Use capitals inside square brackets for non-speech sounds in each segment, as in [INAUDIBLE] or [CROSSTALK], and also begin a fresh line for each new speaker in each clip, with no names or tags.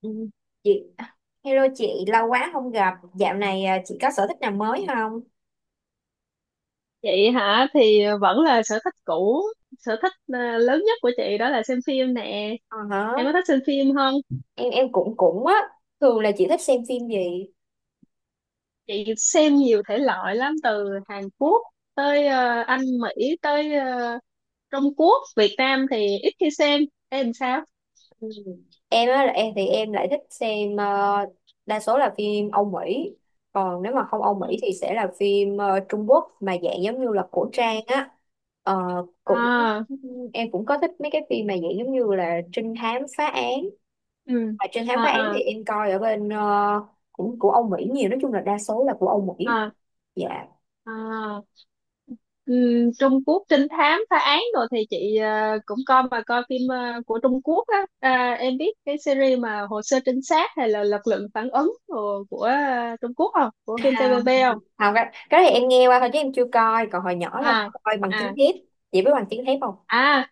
Ừ, chị hello chị lâu quá không gặp dạo này, à chị có sở thích nào mới không?
Chị hả? Thì vẫn là sở thích cũ. Sở thích à, lớn nhất của chị đó là xem phim nè.
Ờ hả?
Em có thích xem phim không?
Em em cũng cũng á. Thường là chị thích xem phim gì?
Chị xem nhiều thể loại lắm, từ Hàn Quốc tới Anh Mỹ, tới Trung Quốc. Việt Nam thì ít khi xem. Em sao?
Ừ. Em á là em thì em lại thích xem, đa số là phim Âu Mỹ. Còn nếu mà không Âu
Ừ.
Mỹ thì sẽ là phim, Trung Quốc mà dạng giống như là cổ
Ừ.
trang á. Ờ, Cũng
À.
em cũng có thích mấy cái phim mà dạng giống như là trinh thám phá án,
Ừ.
và trinh thám
À.
phá án thì
À.
em coi ở bên, cũng của Âu Mỹ nhiều, nói chung là đa số là của Âu Mỹ.
À.
Dạ,
À. Trung Quốc trinh thám phá án rồi thì chị cũng coi, mà coi phim của Trung Quốc á. À, em biết cái series mà Hồ sơ trinh sát hay là Lực lượng phản ứng của, Trung Quốc không? Của phim
không
TVB không?
không, cái này em nghe qua thôi chứ em chưa coi, còn hồi nhỏ là
À.
coi Bằng Chứng
À.
Thép. Chị biết Bằng Chứng Thép không?
À.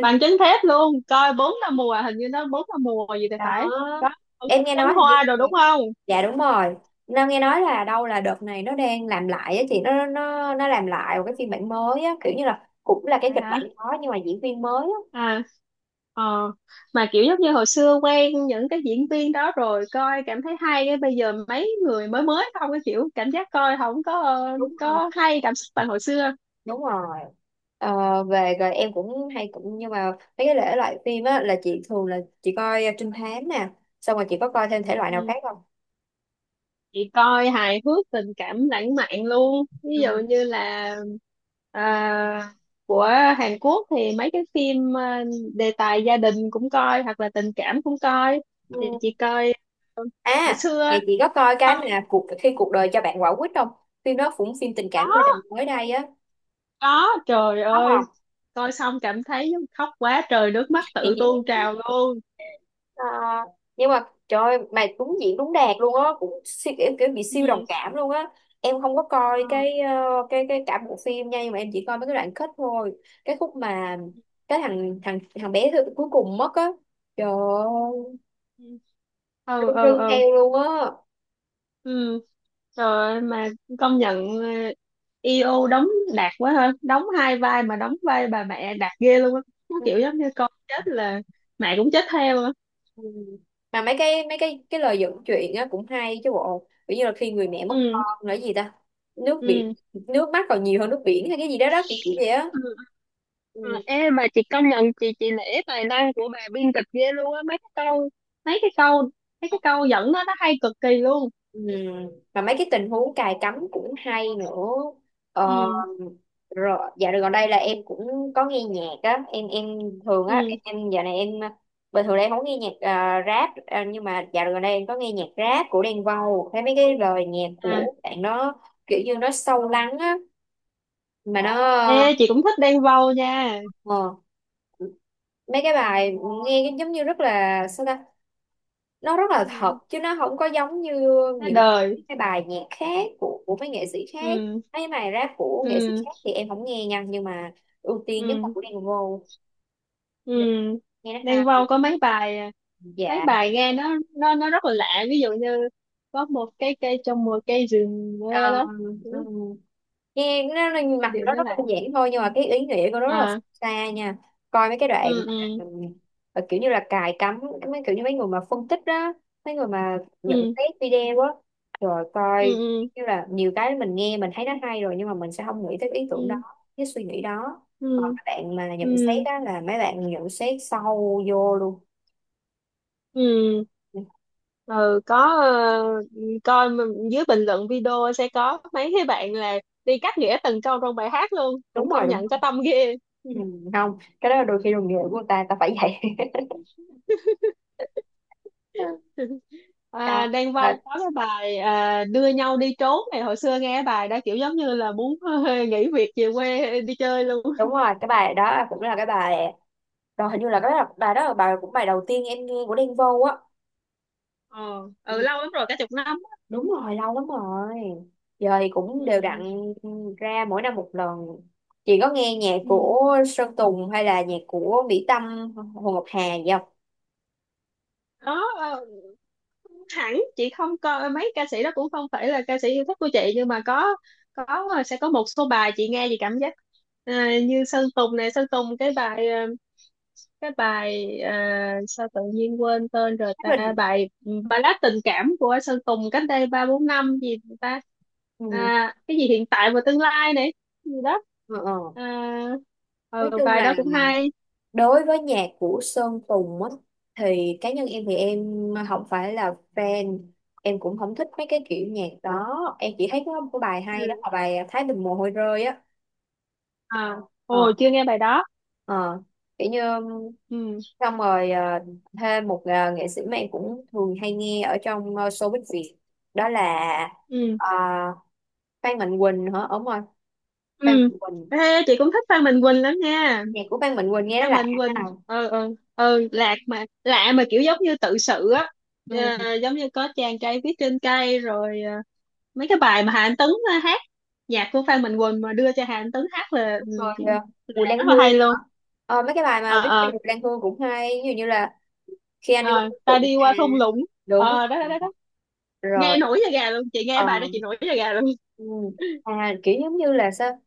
Bằng chứng thép luôn coi bốn năm mùa, hình như nó bốn năm mùa gì thì
Đó,
phải. Có
em nghe
Trấn
nói hình như,
Hoa rồi đúng không?
dạ đúng rồi. Nam nghe nói là đâu là đợt này nó đang làm lại á chị, nó làm lại một cái phiên bản mới á, kiểu như là cũng là cái
Phải
kịch bản
hả?
đó nhưng mà diễn viên mới á.
À. Ờ, mà kiểu giống như hồi xưa quen những cái diễn viên đó rồi coi cảm thấy hay. Cái bây giờ mấy người mới mới không, cái kiểu cảm giác coi không có
Đúng rồi,
có hay, cảm xúc bằng hồi xưa.
đúng rồi. Về rồi em cũng hay cũng nhưng mà mấy cái thể loại phim á là chị thường là chị coi trinh thám nè, xong rồi chị có coi thêm thể loại nào
Ừ.
khác không?
Chị coi hài hước, tình cảm lãng mạn luôn, ví
Ừ.
dụ như là à, của Hàn Quốc thì mấy cái phim đề tài gia đình cũng coi, hoặc là tình cảm cũng coi, thì
Ừ,
chị coi hồi
à
xưa
vậy chị có coi cái
xong.
mà cuộc khi cuộc đời cho bạn quả quýt không? Phim đó cũng phim tình cảm gia
có
đình mới đây á.
có, trời
Khóc
ơi,
không?
coi xong cảm thấy khóc quá trời, nước mắt tự tuôn
[LAUGHS]
trào luôn.
Ờ, nhưng mà trời ơi, mà đúng diễn đúng đạt luôn á, cũng siêu, kiểu, kiểu bị siêu đồng
Ừ.
cảm luôn á. Em không có
Ừ.
coi cái ờ, cái cả bộ phim nha, nhưng mà em chỉ coi mấy cái đoạn kết thôi. Cái khúc mà cái thằng thằng thằng bé cuối cùng mất á. Trời ơi,
Ừ.
rưng
Ừ,
rưng
ừ.
theo luôn á.
Ừ. Trời ơi, mà công nhận EO đóng đạt quá ha, đóng hai vai mà đóng vai bà mẹ đạt ghê luôn á. Nó
Ừ.
kiểu giống như con chết là mẹ cũng chết theo á.
Ừ. Mà mấy cái lời dẫn chuyện á cũng hay chứ bộ, ví như là khi người mẹ mất
Ừ.
con là cái gì ta, nước biển
Ừ.
nước mắt còn nhiều hơn nước biển hay cái gì đó đó, kiểu kiểu vậy á.
Ừ, ừ.
Ừ.
Ê, mà chị công nhận, chị nể tài năng của bà biên kịch ghê luôn á. Mấy cái câu Mấy cái câu dẫn đó nó hay cực kỳ luôn.
Ừ. Mà mấy cái tình huống cài cắm cũng hay nữa. ờ,
Ừ.
Rồi dạo gần đây là em cũng có nghe nhạc á, em thường á
Ừ.
em dạo này em bình thường đây em không nghe nhạc, rap, nhưng mà dạo gần đây em có nghe nhạc rap của Đen Vâu, thấy mấy
Ừ.
cái lời nhạc
À.
của bạn nó kiểu như nó sâu lắng á, mà
Ê,
nó,
chị cũng thích Đen Vâu nha.
ờ, mấy cái bài nghe cái giống như rất là sao ta, nó rất là thật
Ừ.
chứ nó không có giống như
Thế
những
đời.
cái bài nhạc khác của mấy nghệ sĩ khác.
Ừ,
Mấy bài rap của nghệ sĩ
ừ,
khác thì em không nghe nha, nhưng mà ưu tiên nhất là
ừ,
của Đen Vâu,
ừ.
nghe nó hay.
Đen Vâu có mấy bài, à, mấy
Dạ.
bài nghe nó rất là lạ. Ví dụ như có một cái cây trong một cây rừng
Ờ,
đó. Ừ.
ừ. Nghe nó
Cái
mặc dù
điệu
nó
nó
rất
lạ.
đơn giản thôi nhưng mà cái ý nghĩa của nó rất là
À,
xa nha. Coi mấy cái đoạn
ừ,
mà,
ừ,
ừ, kiểu như là cài cắm, mấy kiểu như mấy người mà phân tích đó, mấy người mà nhận
ừ,
xét video á, rồi
ừ,
coi
ừ,
như là nhiều cái mình nghe mình thấy nó hay rồi nhưng mà mình sẽ không nghĩ tới cái ý tưởng đó,
ừ,
cái suy nghĩ đó. Còn
ừ,
các bạn mà nhận xét
ừ.
á là mấy bạn nhận xét sâu vô luôn.
Ừ. Ừ, có ờ, coi mà dưới bình luận video sẽ có mấy cái bạn là đi cắt nghĩa từng câu trong bài hát luôn, cũng
Đúng rồi,
công
đúng
nhận
rồi.
có tâm ghê.
Ừ,
[LAUGHS]
không cái đó là đôi khi đồng nghiệp của người ta, ta phải vậy.
À,
[LAUGHS]
Đan Vâu
Đó,
có cái bài à, đưa nhau đi trốn này, hồi xưa nghe cái bài đó kiểu giống như là muốn [LAUGHS] nghỉ việc về quê đi chơi luôn.
đúng rồi, cái bài đó cũng là cái bài đó hình như là cái bài bài đó là bài cũng bài đầu tiên em nghe của Đen Vâu á.
Ờ. Ừ,
Ừ,
lâu lắm rồi, cả chục năm.
đúng rồi, lâu lắm rồi. Giờ thì cũng đều đặn
Ừ.
ra mỗi năm một lần. Chị có nghe nhạc
Ừ.
của Sơn Tùng hay là nhạc của Mỹ Tâm, Hồ Ngọc Hà gì không?
Đó hẳn chị không coi mấy ca sĩ đó, cũng không phải là ca sĩ yêu thích của chị, nhưng mà có sẽ có một số bài chị nghe chị cảm giác à, như Sơn Tùng này. Sơn Tùng cái bài cái bài à, sao tự nhiên quên tên rồi ta,
Mình,
bài ballad tình cảm của Sơn Tùng cách đây ba bốn năm gì ta.
ừ,
À, cái gì hiện tại và tương lai này gì đó.
ờ, ờ.
À,
Nói
ừ,
chung
bài
là
đó cũng hay.
đối với nhạc của Sơn Tùng á thì cá nhân em thì em không phải là fan, em cũng không thích mấy cái kiểu nhạc đó, em chỉ thấy có một cái bài hay đó
Ừ.
là bài Thái Bình Mồ Hôi Rơi á.
À,
Ờ
ồ, chưa nghe bài đó.
ờ, kiểu như,
Ừ.
xong rồi, thêm một, nghệ sĩ mà em cũng thường hay nghe ở trong, showbiz Việt, đó là,
Ừ.
ờ, Phan Mạnh Quỳnh hả, đúng rồi. Phan
Ừ.
Mạnh Quỳnh,
Ê, chị cũng thích Phan Mạnh Quỳnh lắm nha.
nhạc của Phan Mạnh Quỳnh nghe nó
Phan
lạ.
Mạnh Quỳnh lạc mà lạ mà kiểu giống như tự sự á.
Ừ.
Ờ, giống như có chàng trai viết trên cây rồi mấy cái bài mà Hà Anh Tuấn hát, nhạc của Phan Mạnh Quỳnh mà đưa cho Hà Anh Tuấn hát là, ừ,
Rồi à,
là
Bùi Lan
rất là
Hương
hay
nữa.
luôn.
Ờ, mấy cái bài mà
Ờ.
viết về
Ờ.
Bùi Lan Hương cũng hay, ví dụ như là khi anh đi qua
ờ,
thung
ta
lũng
đi
nè.
qua thung lũng.
Đúng
Ờ, đó đó đó, đó.
rồi.
Nghe nổi da gà luôn, chị nghe
Ờ,
bài đó chị nổi da gà luôn.
ừ.
[LAUGHS]
À, kiểu giống như là sao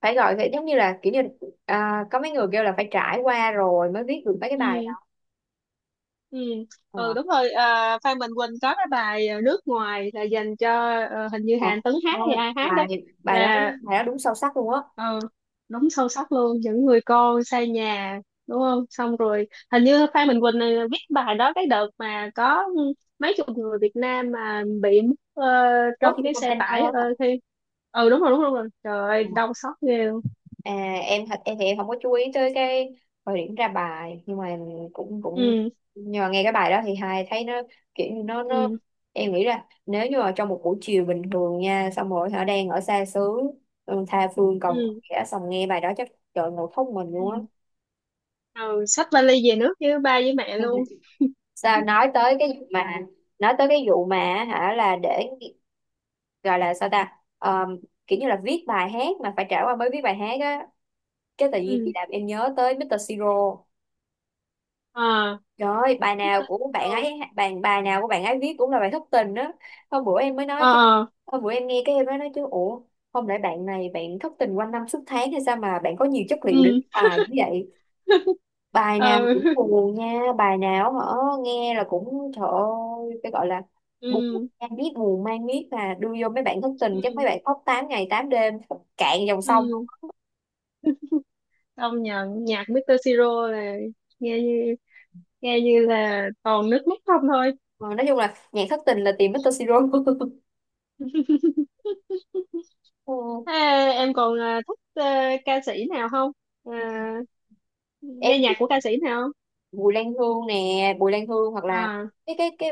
phải gọi vậy, giống như là kiểu như, à có mấy người kêu là phải trải qua rồi mới viết được mấy cái bài
Ừ.
đó.
Ừ.
Ờ,
Ừ, đúng rồi. À, Phan Mạnh Quỳnh có cái bài nước ngoài, là dành cho hình như
ờ,
Hàn Tấn hát hay
thôi,
ai hát đó,
bài bài đó
là
bài đó đúng sâu sắc luôn á.
ờ, đúng sâu sắc luôn, những người con xa nhà đúng không. Xong rồi hình như Phan Mạnh Quỳnh này viết bài đó cái đợt mà có mấy chục người Việt Nam mà bị mất
Rốt
trong
trong
cái xe
container
tải
á.
khi. Ừ, đúng rồi, đúng rồi, đúng rồi. Trời ơi,
Ờ.
đau xót ghê luôn.
À, em thật em thì em không có chú ý tới cái thời điểm ra bài nhưng mà cũng cũng,
Ừ.
nhưng mà nghe cái bài đó thì hai thấy nó kiểu như nó,
Ừ.
em nghĩ là nếu như mà trong một buổi chiều bình thường nha, xong rồi họ đang ở xa xứ, ừ tha phương cầu
Ừ.
khẽ xong nghe bài đó chắc trời ngồi khóc mình luôn á.
Ừ, ừ. Xách vali về nước với ba với mẹ luôn.
[LAUGHS]
[LAUGHS]
Sao nói tới cái vụ mà, nói tới cái vụ mà, hả là để gọi là sao ta, Ờm, kiểu như là viết bài hát mà phải trải qua mới viết bài hát á, cái tự nhiên thì
Ừ.
làm em nhớ tới Mr. Siro.
À.
Rồi bài nào
Tên
của bạn
đồ.
ấy, bài bài nào của bạn ấy viết cũng là bài thất tình đó. Hôm bữa em mới nói chứ,
Ờ.
hôm bữa em nghe cái em mới nói chứ, ủa không lẽ bạn này bạn thất tình quanh năm suốt tháng hay sao mà bạn có nhiều chất liệu để
Ừ.
viết bài như vậy.
[LAUGHS] Ừ.
Bài nào cũng
Ừ.
buồn nha, bài nào hả, nghe là cũng trời ơi, cái gọi là buồn mang biết, buồn mang biết mà đưa vô mấy bạn thất tình chắc mấy
Ừ.
bạn khóc 8 ngày 8 đêm, cạn dòng sông.
Ừ, công nhận nhạc Mr. Siro là nghe như nghe như là toàn nước mắt không thôi.
Ờ, nói chung là nhạc thất tình là tìm Mr. Siro. [LAUGHS]
[LAUGHS]
Ừ.
Thế em còn à, thích à, ca sĩ nào không? À, nghe
Em,
nhạc của ca sĩ nào không?
Bùi Lan Hương nè, Bùi Lan Hương, hoặc là
À.
cái cái cái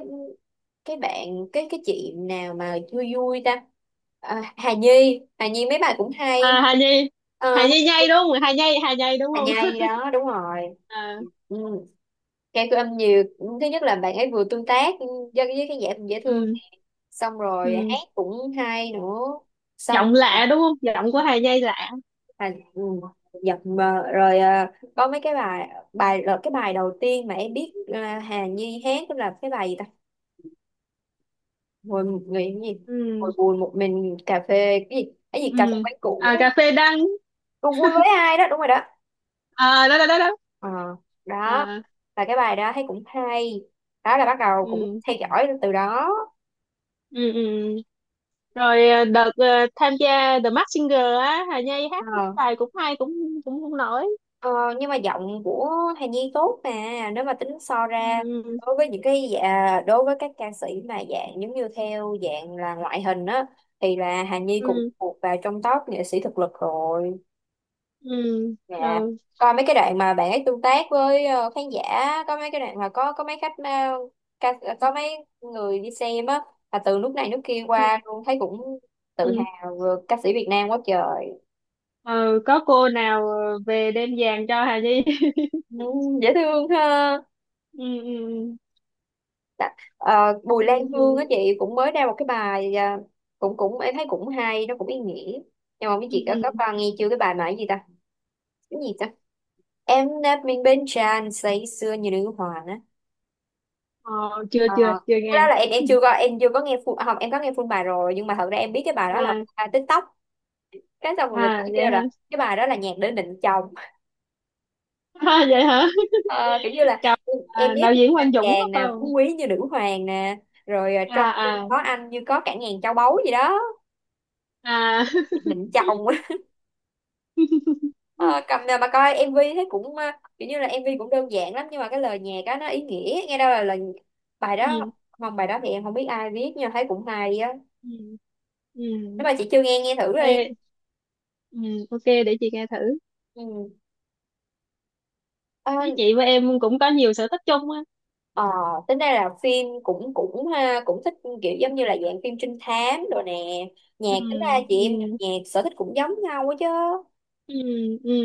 cái bạn cái chị nào mà vui vui ta, à Hà Nhi, Hà Nhi mấy bài cũng hay.
À, Hà Nhi.
À,
Hà Nhi nhây đúng không? Hà Nhi Hà Nhi đúng
Hà
không?
Nhi
[LAUGHS]
đó đúng rồi.
À,
Ừ. Cái cứ âm nhiều thứ nhất là bạn ấy vừa tương tác với cái dễ dễ thương,
ừ,
xong rồi
ừ.
hát cũng hay nữa, xong
Giọng
rồi-
lạ đúng không? Giọng của Hà Nhi lạ.
à ừ, giật mờ rồi à, có mấy cái bài bài là cái bài đầu tiên mà em biết, à Hà Nhi hát tức là cái bài gì ta, ngồi một người cái gì, ngồi
Ừ.
buồn một mình cà phê cái gì cà phê
Ừ.
quán cũ
À, cà phê đắng.
cùng vui
[LAUGHS]
với ai đó, đúng rồi đó.
À, đó đó đó đó.
Ờ đó
À,
là cái bài đó thấy cũng hay, đó là bắt đầu cũng
ừ,
theo dõi từ đó.
ừ, ừ. Rồi à, đợt à, tham gia The Masked Singer á, Hà Nhi hát mấy
Ờ,
bài cũng hay, cũng cũng không nổi.
ờ nhưng mà giọng của Hà Nhi tốt mà, nếu mà tính so
Ừ.
ra đối với những cái dạ, đối với các ca sĩ mà dạng giống như theo dạng là ngoại hình á thì là Hà Nhi cũng
Ừ.
thuộc vào trong top nghệ sĩ thực lực rồi.
Ừ.
Dạ,
Ừ.
coi mấy cái đoạn mà bạn ấy tương tác với, khán giả, có mấy cái đoạn mà có mấy khách, ca, có mấy người đi xem á, là từ nước này nước kia qua
Ừ.
luôn thấy cũng tự
Ừ.
hào vừa ca sĩ Việt Nam quá trời.
Ờ, có cô nào về đem vàng cho Hà Nhi. [LAUGHS]
Ừ, dễ thương ha.
Ừ. Ừ.
Bùi
Ừ.
Lan Hương
Ừ.
á chị cũng mới ra một cái bài à, cũng cũng em thấy cũng hay, nó cũng ý nghĩa. Nhưng mà mấy
Ừ.
chị có
Ừ.
qua nghe chưa cái bài mà cái gì ta? Cái gì ta? Em đã mình bên tràn say sưa như nữ hoàng.
Ờ, chưa
Ờ,
chưa chưa
cái
nghe.
đó là em chưa có nghe full à, không em có nghe full bài rồi nhưng mà thật ra em biết cái bài đó là
À.
full TikTok, cái xong rồi người ta
À, vậy
kêu
hả?
là cái bài đó là nhạc để định chồng.
[LAUGHS] À, vậy hả? [LAUGHS]
Ờ, kiểu như là
Chào.
em
À,
ép
đạo
mình
diễn
bên
Quang Dũng
chàng
phải
nè,
không?
phú quý như nữ hoàng nè, rồi ờ, trong
À.
khi
À.
có anh như có cả ngàn châu báu gì đó,
À.
định chồng. [LAUGHS] Ờ,
[LAUGHS]
cầm nè mà coi MV thấy cũng, kiểu như là MV cũng đơn giản lắm nhưng mà cái lời nhạc á nó ý nghĩa, nghe đâu là lời bài đó,
Ừ.
không bài đó thì em không biết ai viết nhưng mà thấy cũng hay á,
Ừ. Ừ.
nếu mà chị chưa nghe nghe thử đi.
Ê. Ừ, ok, để chị nghe thử. Thấy
Ừ.
chị với em cũng có nhiều sở thích chung á.
Ờ, tính ra là phim cũng cũng ha, cũng thích, kiểu giống như là dạng phim trinh thám rồi nè, nhạc
Ừ.
tính ra chị
Ừ.
em, nhạc sở thích cũng giống nhau quá chứ.
Ừ. Ừ.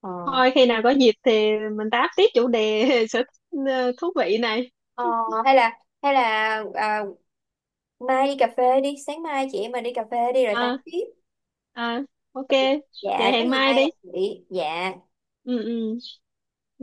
Ờ,
Thôi khi nào có dịp thì mình tám tiếp chủ đề [LAUGHS] sở thích thú vị này.
ờ, hay là hay là, à mai đi cà phê đi, sáng mai chị em mình đi cà phê đi rồi tám
À.
tiếp.
À, ok, vậy
Dạ có
hẹn
gì
mai
mai gặp
đi.
chị dạ.
Ừ. Ừ.